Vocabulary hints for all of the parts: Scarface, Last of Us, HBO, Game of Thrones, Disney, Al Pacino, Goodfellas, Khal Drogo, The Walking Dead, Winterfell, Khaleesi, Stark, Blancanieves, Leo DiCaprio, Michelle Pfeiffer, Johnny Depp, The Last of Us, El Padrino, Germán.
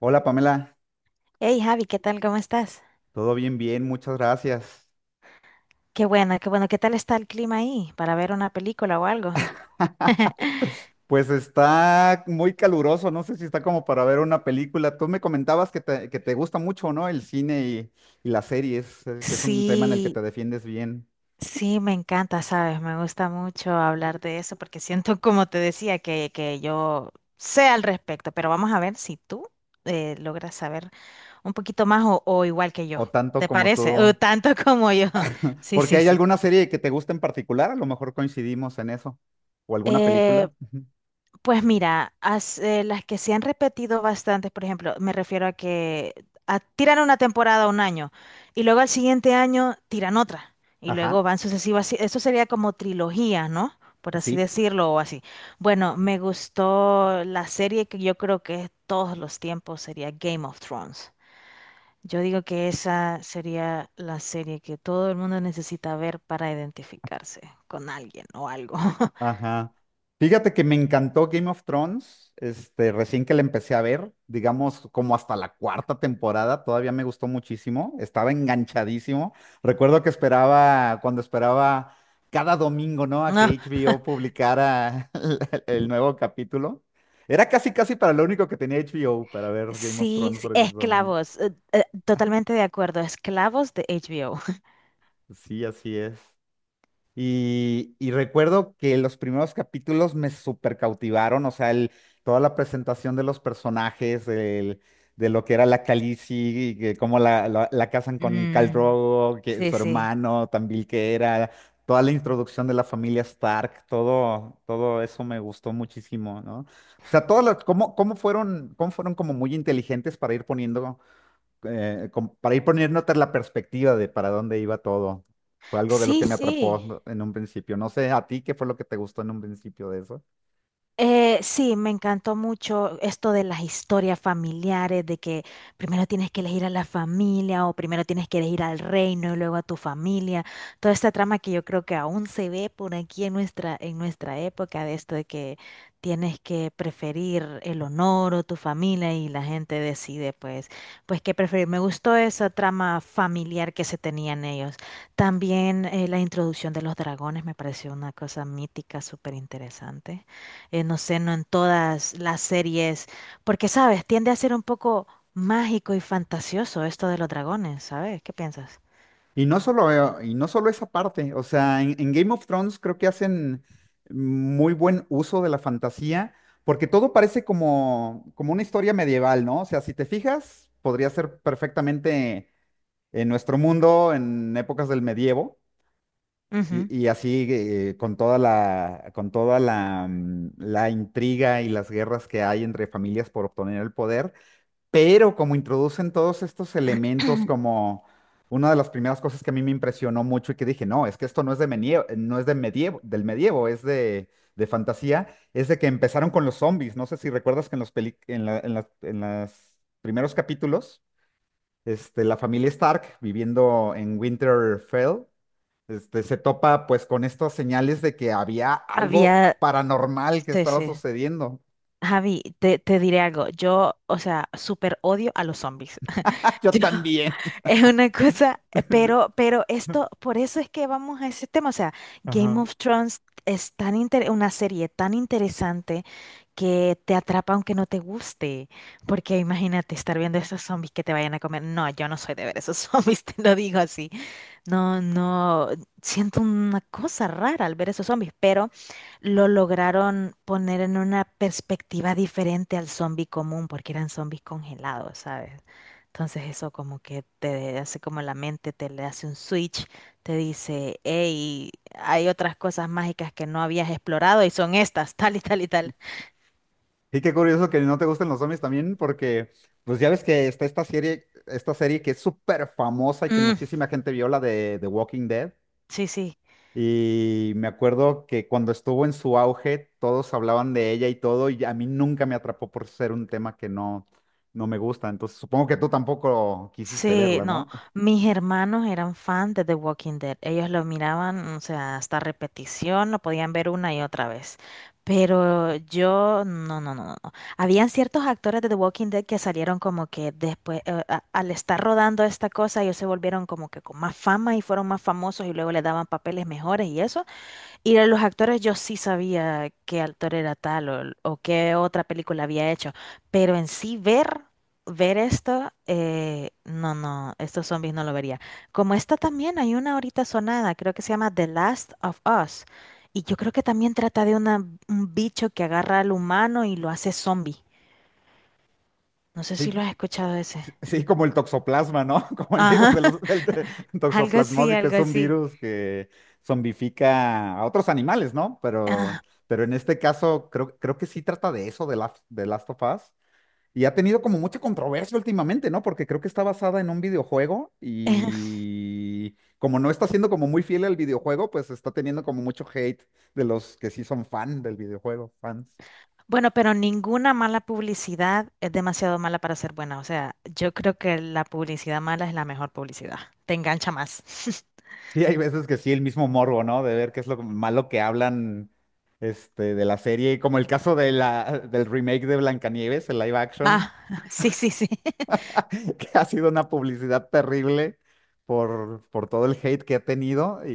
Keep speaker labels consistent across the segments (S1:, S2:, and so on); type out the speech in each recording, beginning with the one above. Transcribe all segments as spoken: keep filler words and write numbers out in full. S1: Hola Pamela,
S2: Hey Javi, ¿qué tal? ¿Cómo estás?
S1: todo bien, bien, muchas gracias.
S2: Qué bueno, qué bueno. ¿Qué tal está el clima ahí para ver una película o algo?
S1: Pues está muy caluroso, no sé si está como para ver una película. Tú me comentabas que te, que te gusta mucho, ¿no? El cine y, y las series, eh, que es un tema en el que
S2: Sí,
S1: te defiendes bien,
S2: sí, me encanta, ¿sabes? Me gusta mucho hablar de eso porque siento, como te decía, que, que yo sé al respecto, pero vamos a ver si tú eh, logras saber un poquito más o, o igual que yo.
S1: o tanto
S2: ¿Te
S1: como
S2: parece? O
S1: tú.
S2: tanto como yo. Sí,
S1: Porque
S2: sí,
S1: hay
S2: sí.
S1: alguna serie que te gusta en particular, a lo mejor coincidimos en eso, o alguna
S2: Eh,
S1: película. Ujú.
S2: Pues mira, as- eh, las que se han repetido bastante, por ejemplo, me refiero a que a- tiran una temporada un año y luego al siguiente año tiran otra y luego
S1: Ajá,
S2: van sucesivas. Sí, eso sería como trilogía, ¿no? Por así
S1: sí.
S2: decirlo o así. Bueno, me gustó la serie que yo creo que es todos los tiempos sería Game of Thrones. Yo digo que esa sería la serie que todo el mundo necesita ver para identificarse con alguien o algo.
S1: Ajá. Fíjate que me encantó Game of Thrones, este, recién que la empecé a ver, digamos como hasta la cuarta temporada, todavía me gustó muchísimo, estaba enganchadísimo. Recuerdo que esperaba, cuando esperaba cada domingo, ¿no? A que H B O publicara el el nuevo capítulo. Era casi, casi para lo único que tenía H B O, para ver Game of
S2: Sí,
S1: Thrones
S2: sí,
S1: precisamente.
S2: esclavos, eh, eh, totalmente de acuerdo, esclavos de H. HBO.
S1: Sí, así es. Y, y recuerdo que los primeros capítulos me super cautivaron, o sea, el- toda la presentación de los personajes, el- de lo que era la Khaleesi, y que cómo la, la, la casan con Khal
S2: Mm,
S1: Drogo, que
S2: sí,
S1: su
S2: sí.
S1: hermano también que era, toda la introducción de la familia Stark, todo, todo eso me gustó muchísimo, ¿no? O sea, todo lo- cómo, cómo fueron, cómo fueron como muy inteligentes para ir poniendo eh, com- para ir poniéndote la perspectiva de para dónde iba todo. Fue algo de lo
S2: Sí,
S1: que me
S2: sí.
S1: atrapó en un principio. No sé a ti qué fue lo que te gustó en un principio de eso.
S2: Eh, sí, me encantó mucho esto de las historias familiares, de que primero tienes que elegir a la familia o primero tienes que elegir al reino y luego a tu familia. Toda esta trama que yo creo que aún se ve por aquí en nuestra, en nuestra época, de esto de que tienes que preferir el honor o tu familia y la gente decide pues, pues qué preferir. Me gustó esa trama familiar que se tenían ellos. También eh, la introducción de los dragones me pareció una cosa mítica, súper interesante, eh, no sé, no en todas las series, porque, ¿sabes? Tiende a ser un poco mágico y fantasioso esto de los dragones, ¿sabes? ¿Qué piensas?
S1: Y no solo, eh, y no solo esa parte, o sea, en, en Game of Thrones creo que hacen muy buen uso de la fantasía, porque todo parece como, como una historia medieval, ¿no? O sea, si te fijas, podría ser perfectamente en nuestro mundo, en épocas del medievo. Y,
S2: Ujú.
S1: y así eh, con toda la, con toda la, mm, la intriga y las guerras que hay entre familias por obtener el poder, pero como introducen todos estos elementos como una de las primeras cosas que a mí me impresionó mucho y que dije, no, es que esto no es de medievo, no es de medievo, del medievo, es de, de fantasía, es de que empezaron con los zombies. No sé si recuerdas que en los peli- en la- en las- en los primeros capítulos, este, la familia Stark viviendo en Winterfell este, se topa pues con estas señales de que había algo
S2: Había,
S1: paranormal que
S2: sí,
S1: estaba
S2: sí.
S1: sucediendo.
S2: Javi, te, te diré algo. Yo, o sea, súper odio a los zombies.
S1: Ah, yo
S2: Yo-
S1: también.
S2: Es una cosa, eh, pero, pero, esto, por eso es que vamos a ese tema. O sea, Game
S1: Ajá.
S2: of Thrones es tan inter- una serie tan interesante que te atrapa aunque no te guste. Porque imagínate estar viendo esos zombies que te vayan a comer. No, yo no soy de ver esos zombies, te lo digo así. No, no, siento una cosa rara al ver esos zombies, pero lo lograron poner en una perspectiva diferente al zombie común, porque eran zombies congelados, ¿sabes? Entonces eso como que te hace como la mente, te le hace un switch, te dice, hey, hay otras cosas mágicas que no habías explorado y son estas, tal y tal y tal.
S1: Y qué curioso que no te gusten los zombies también, porque pues ya ves que está esta serie, esta serie que es súper famosa y que
S2: Mm,
S1: muchísima gente vio, la de The Walking Dead.
S2: sí, sí.
S1: Y me acuerdo que cuando estuvo en su auge, todos hablaban de ella y todo, y a mí nunca me atrapó por ser un tema que no, no me gusta. Entonces supongo que tú tampoco quisiste
S2: Sí,
S1: verla,
S2: no,
S1: ¿no?
S2: mis hermanos eran fans de The Walking Dead. Ellos lo miraban, o sea, hasta repetición, lo podían ver una y otra vez. Pero yo, no, no, no, no, no. Habían ciertos actores de The Walking Dead que salieron como que después, eh, a- al estar rodando esta cosa, ellos se volvieron como que con más fama y fueron más famosos y luego les daban papeles mejores y eso. Y de los actores, yo sí sabía qué actor era tal o, o qué otra película había hecho, pero en sí ver, ver esto, eh, no, no, estos zombies no lo vería. Como esta también hay una ahorita sonada, creo que se llama The Last of Us, y yo creo que también trata de una, un bicho que agarra al humano y lo hace zombie. No sé si
S1: ¿Y
S2: lo has escuchado ese.
S1: sí, como el toxoplasma, ¿no? Como el virus
S2: Ajá,
S1: de los- del de-
S2: algo así,
S1: toxoplasmosis, que
S2: algo
S1: es un
S2: así.
S1: virus que zombifica a otros animales, ¿no? Pero,
S2: Ajá.
S1: pero en este caso creo, creo que sí trata de eso, de, Last- de Last of Us. Y ha tenido como mucha controversia últimamente, ¿no? Porque creo que está basada en un videojuego y como no está siendo como muy fiel al videojuego, pues está teniendo como mucho hate de los que sí son fan del videojuego, fans.
S2: Bueno, pero ninguna mala publicidad es demasiado mala para ser buena. O sea, yo creo que la publicidad mala es la mejor publicidad. Te engancha más.
S1: Sí, hay veces que sí, el mismo morbo, ¿no? De ver qué es lo malo que hablan este, de la serie, como el caso de la, del remake de Blancanieves, el live action,
S2: Ah, sí, sí, sí.
S1: que ha sido una publicidad terrible por, por todo el hate que ha tenido y,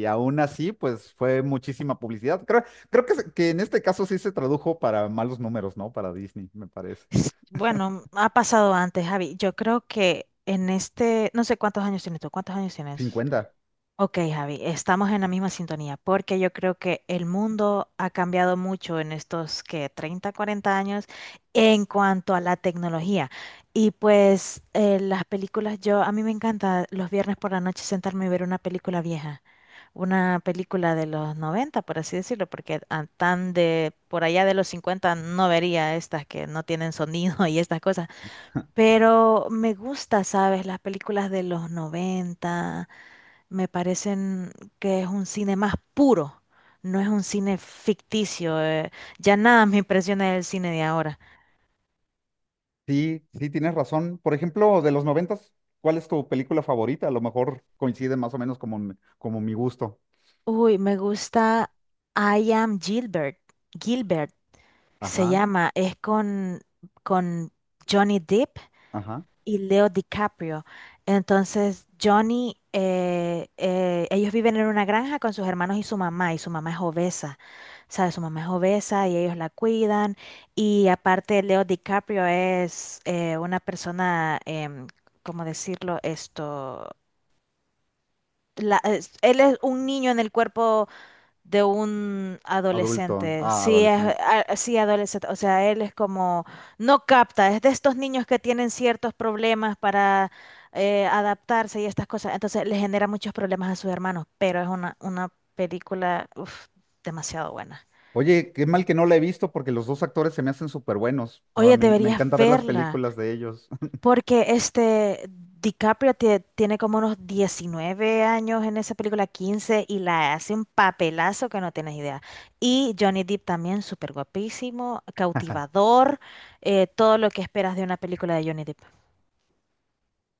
S1: y aún así, pues fue muchísima publicidad. Creo, creo que, se- que en este caso sí se tradujo para malos números, ¿no? Para Disney, me parece.
S2: Bueno, ha pasado antes, Javi. Yo creo que en este, no sé cuántos años tienes tú, ¿cuántos años tienes?
S1: Cincuenta,
S2: Ok, Javi, estamos en la misma sintonía, porque yo creo que el mundo ha cambiado mucho en estos que treinta, cuarenta años en cuanto a la tecnología. Y pues eh, las películas, yo a mí me encanta los viernes por la noche sentarme y ver una película vieja, una película de los noventa, por así decirlo, porque a- tan de por allá de los cincuenta no vería estas que no tienen sonido y estas cosas. Pero me gusta, ¿sabes? Las películas de los noventa me parecen que es un cine más puro, no es un cine ficticio. eh, ya nada me impresiona del cine de ahora.
S1: sí, sí, tienes razón. Por ejemplo, de los noventas, ¿cuál es tu película favorita? A lo mejor coincide más o menos como, mi- como mi gusto.
S2: Uy, me gusta I Am Gilbert. Gilbert se
S1: Ajá,
S2: llama, es con, con, Johnny Depp
S1: ajá.
S2: y Leo DiCaprio. Entonces, Johnny, eh, eh, ellos viven en una granja con sus hermanos y su mamá, y su mamá es obesa, ¿sabes? Su mamá es obesa y ellos la cuidan. Y aparte, Leo DiCaprio es eh, una persona, em, ¿cómo decirlo? Esto, la- es- él es un niño en el cuerpo de un
S1: Adulto,
S2: adolescente.
S1: ah,
S2: Sí, es
S1: adolescente.
S2: a- sí, adolescente. O sea, él es como, no capta, es de estos niños que tienen ciertos problemas para eh, adaptarse y estas cosas. Entonces le genera muchos problemas a sus hermanos, pero es una, una película uf, demasiado buena.
S1: Oye, qué mal que no la he visto porque los dos actores se me hacen súper buenos. No,
S2: Oye,
S1: Me, me
S2: deberías
S1: encanta ver las
S2: verla.
S1: películas de ellos.
S2: Porque este DiCaprio tie- tiene como unos diecinueve años en esa película, quince y la hace un papelazo que no tienes idea. Y Johnny Depp también, súper guapísimo, cautivador, eh, todo lo que esperas de una película de Johnny Depp.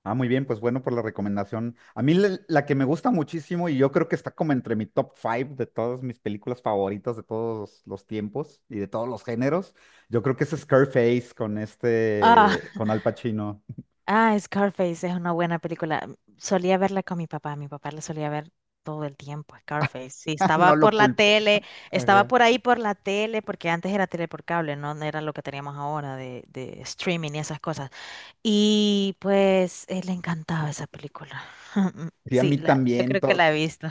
S1: Ah, muy bien, pues bueno por la recomendación. A mí la, la que me gusta muchísimo y yo creo que está como entre mi top five de todas mis películas favoritas de todos los tiempos y de todos los géneros, yo creo que es Scarface con
S2: Ah,
S1: este, con Al Pacino.
S2: ah, Scarface es una buena película. Solía verla con mi papá, mi papá la solía ver todo el tiempo, Scarface. Sí, estaba
S1: No
S2: por
S1: lo
S2: la
S1: culpo.
S2: tele, estaba
S1: Ajá.
S2: por ahí por la tele, porque antes era tele por cable, no, no era lo que teníamos ahora de, de streaming y esas cosas. Y pues eh, le encantaba esa película.
S1: Sí, a
S2: Sí,
S1: mí
S2: la, yo
S1: también.
S2: creo que
S1: To-
S2: la he visto.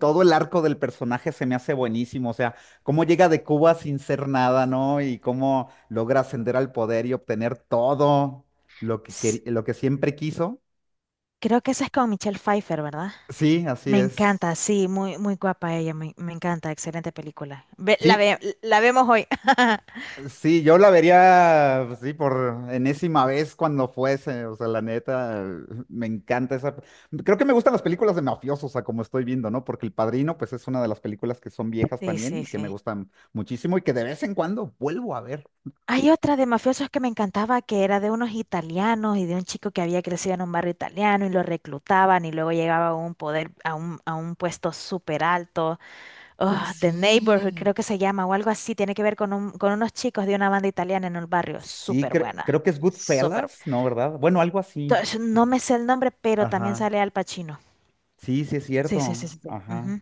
S1: Todo el arco del personaje se me hace buenísimo, o sea, cómo llega de Cuba sin ser nada, ¿no? Y cómo logra ascender al poder y obtener todo lo que,
S2: S-
S1: queri- lo que siempre quiso.
S2: Creo que esa es con Michelle Pfeiffer, ¿verdad?
S1: Sí, así
S2: Me
S1: es.
S2: encanta, sí, muy, muy guapa ella, me, me encanta, excelente película. Ve- la,
S1: Sí,
S2: ve- la vemos hoy.
S1: sí, yo la vería, pues sí, por enésima vez cuando fuese, o sea, la neta, me encanta esa... Creo que me gustan las películas de mafiosos, a como estoy viendo, ¿no? Porque El Padrino, pues es una de las películas que son viejas
S2: Sí,
S1: también
S2: sí,
S1: y que me
S2: sí.
S1: gustan muchísimo y que de vez en cuando vuelvo a ver.
S2: Hay otra de mafiosos que me encantaba que era de unos italianos y de un chico que había crecido en un barrio italiano y lo reclutaban y luego llegaba a un poder, a un, a un puesto súper alto. Oh,
S1: Ah,
S2: The Neighborhood,
S1: sí.
S2: creo que se llama, o algo así, tiene que ver con, un- con unos chicos de una banda italiana en el barrio.
S1: Sí,
S2: Súper
S1: cre-
S2: buena,
S1: creo que es
S2: súper.
S1: Goodfellas, ¿no? ¿Verdad? Bueno, algo así.
S2: To-
S1: Sí.
S2: No me sé el nombre, pero también
S1: Ajá.
S2: sale Al Pacino.
S1: Sí, sí es
S2: Sí, sí, sí,
S1: cierto.
S2: sí, sí.
S1: Ajá.
S2: Ujú.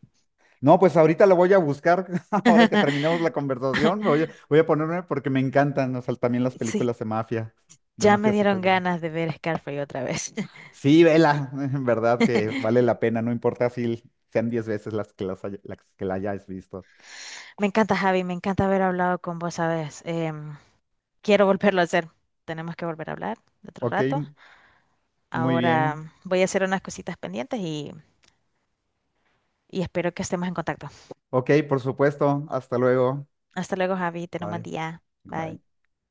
S1: No, pues ahorita lo voy a buscar. Ahora que terminemos la conversación, me voy a, voy a ponerme porque me encantan, o sea, también las
S2: Sí,
S1: películas de mafia, de
S2: ya me
S1: mafias
S2: dieron
S1: italianas.
S2: ganas de ver Scarface otra vez.
S1: Sí, vela, en verdad que vale la pena, no importa si sean diez veces las que, las, haya- las que la hayas visto.
S2: Me encanta, Javi, me encanta haber hablado con vos, ¿sabes? Em, quiero volverlo a hacer. Tenemos que volver a hablar otro
S1: Ok,
S2: rato.
S1: muy bien.
S2: Ahora voy a hacer unas cositas pendientes y, y espero que estemos en contacto.
S1: Ok, por supuesto. Hasta luego.
S2: Hasta luego, Javi, ten un buen
S1: Bye.
S2: día.
S1: Bye.
S2: Bye.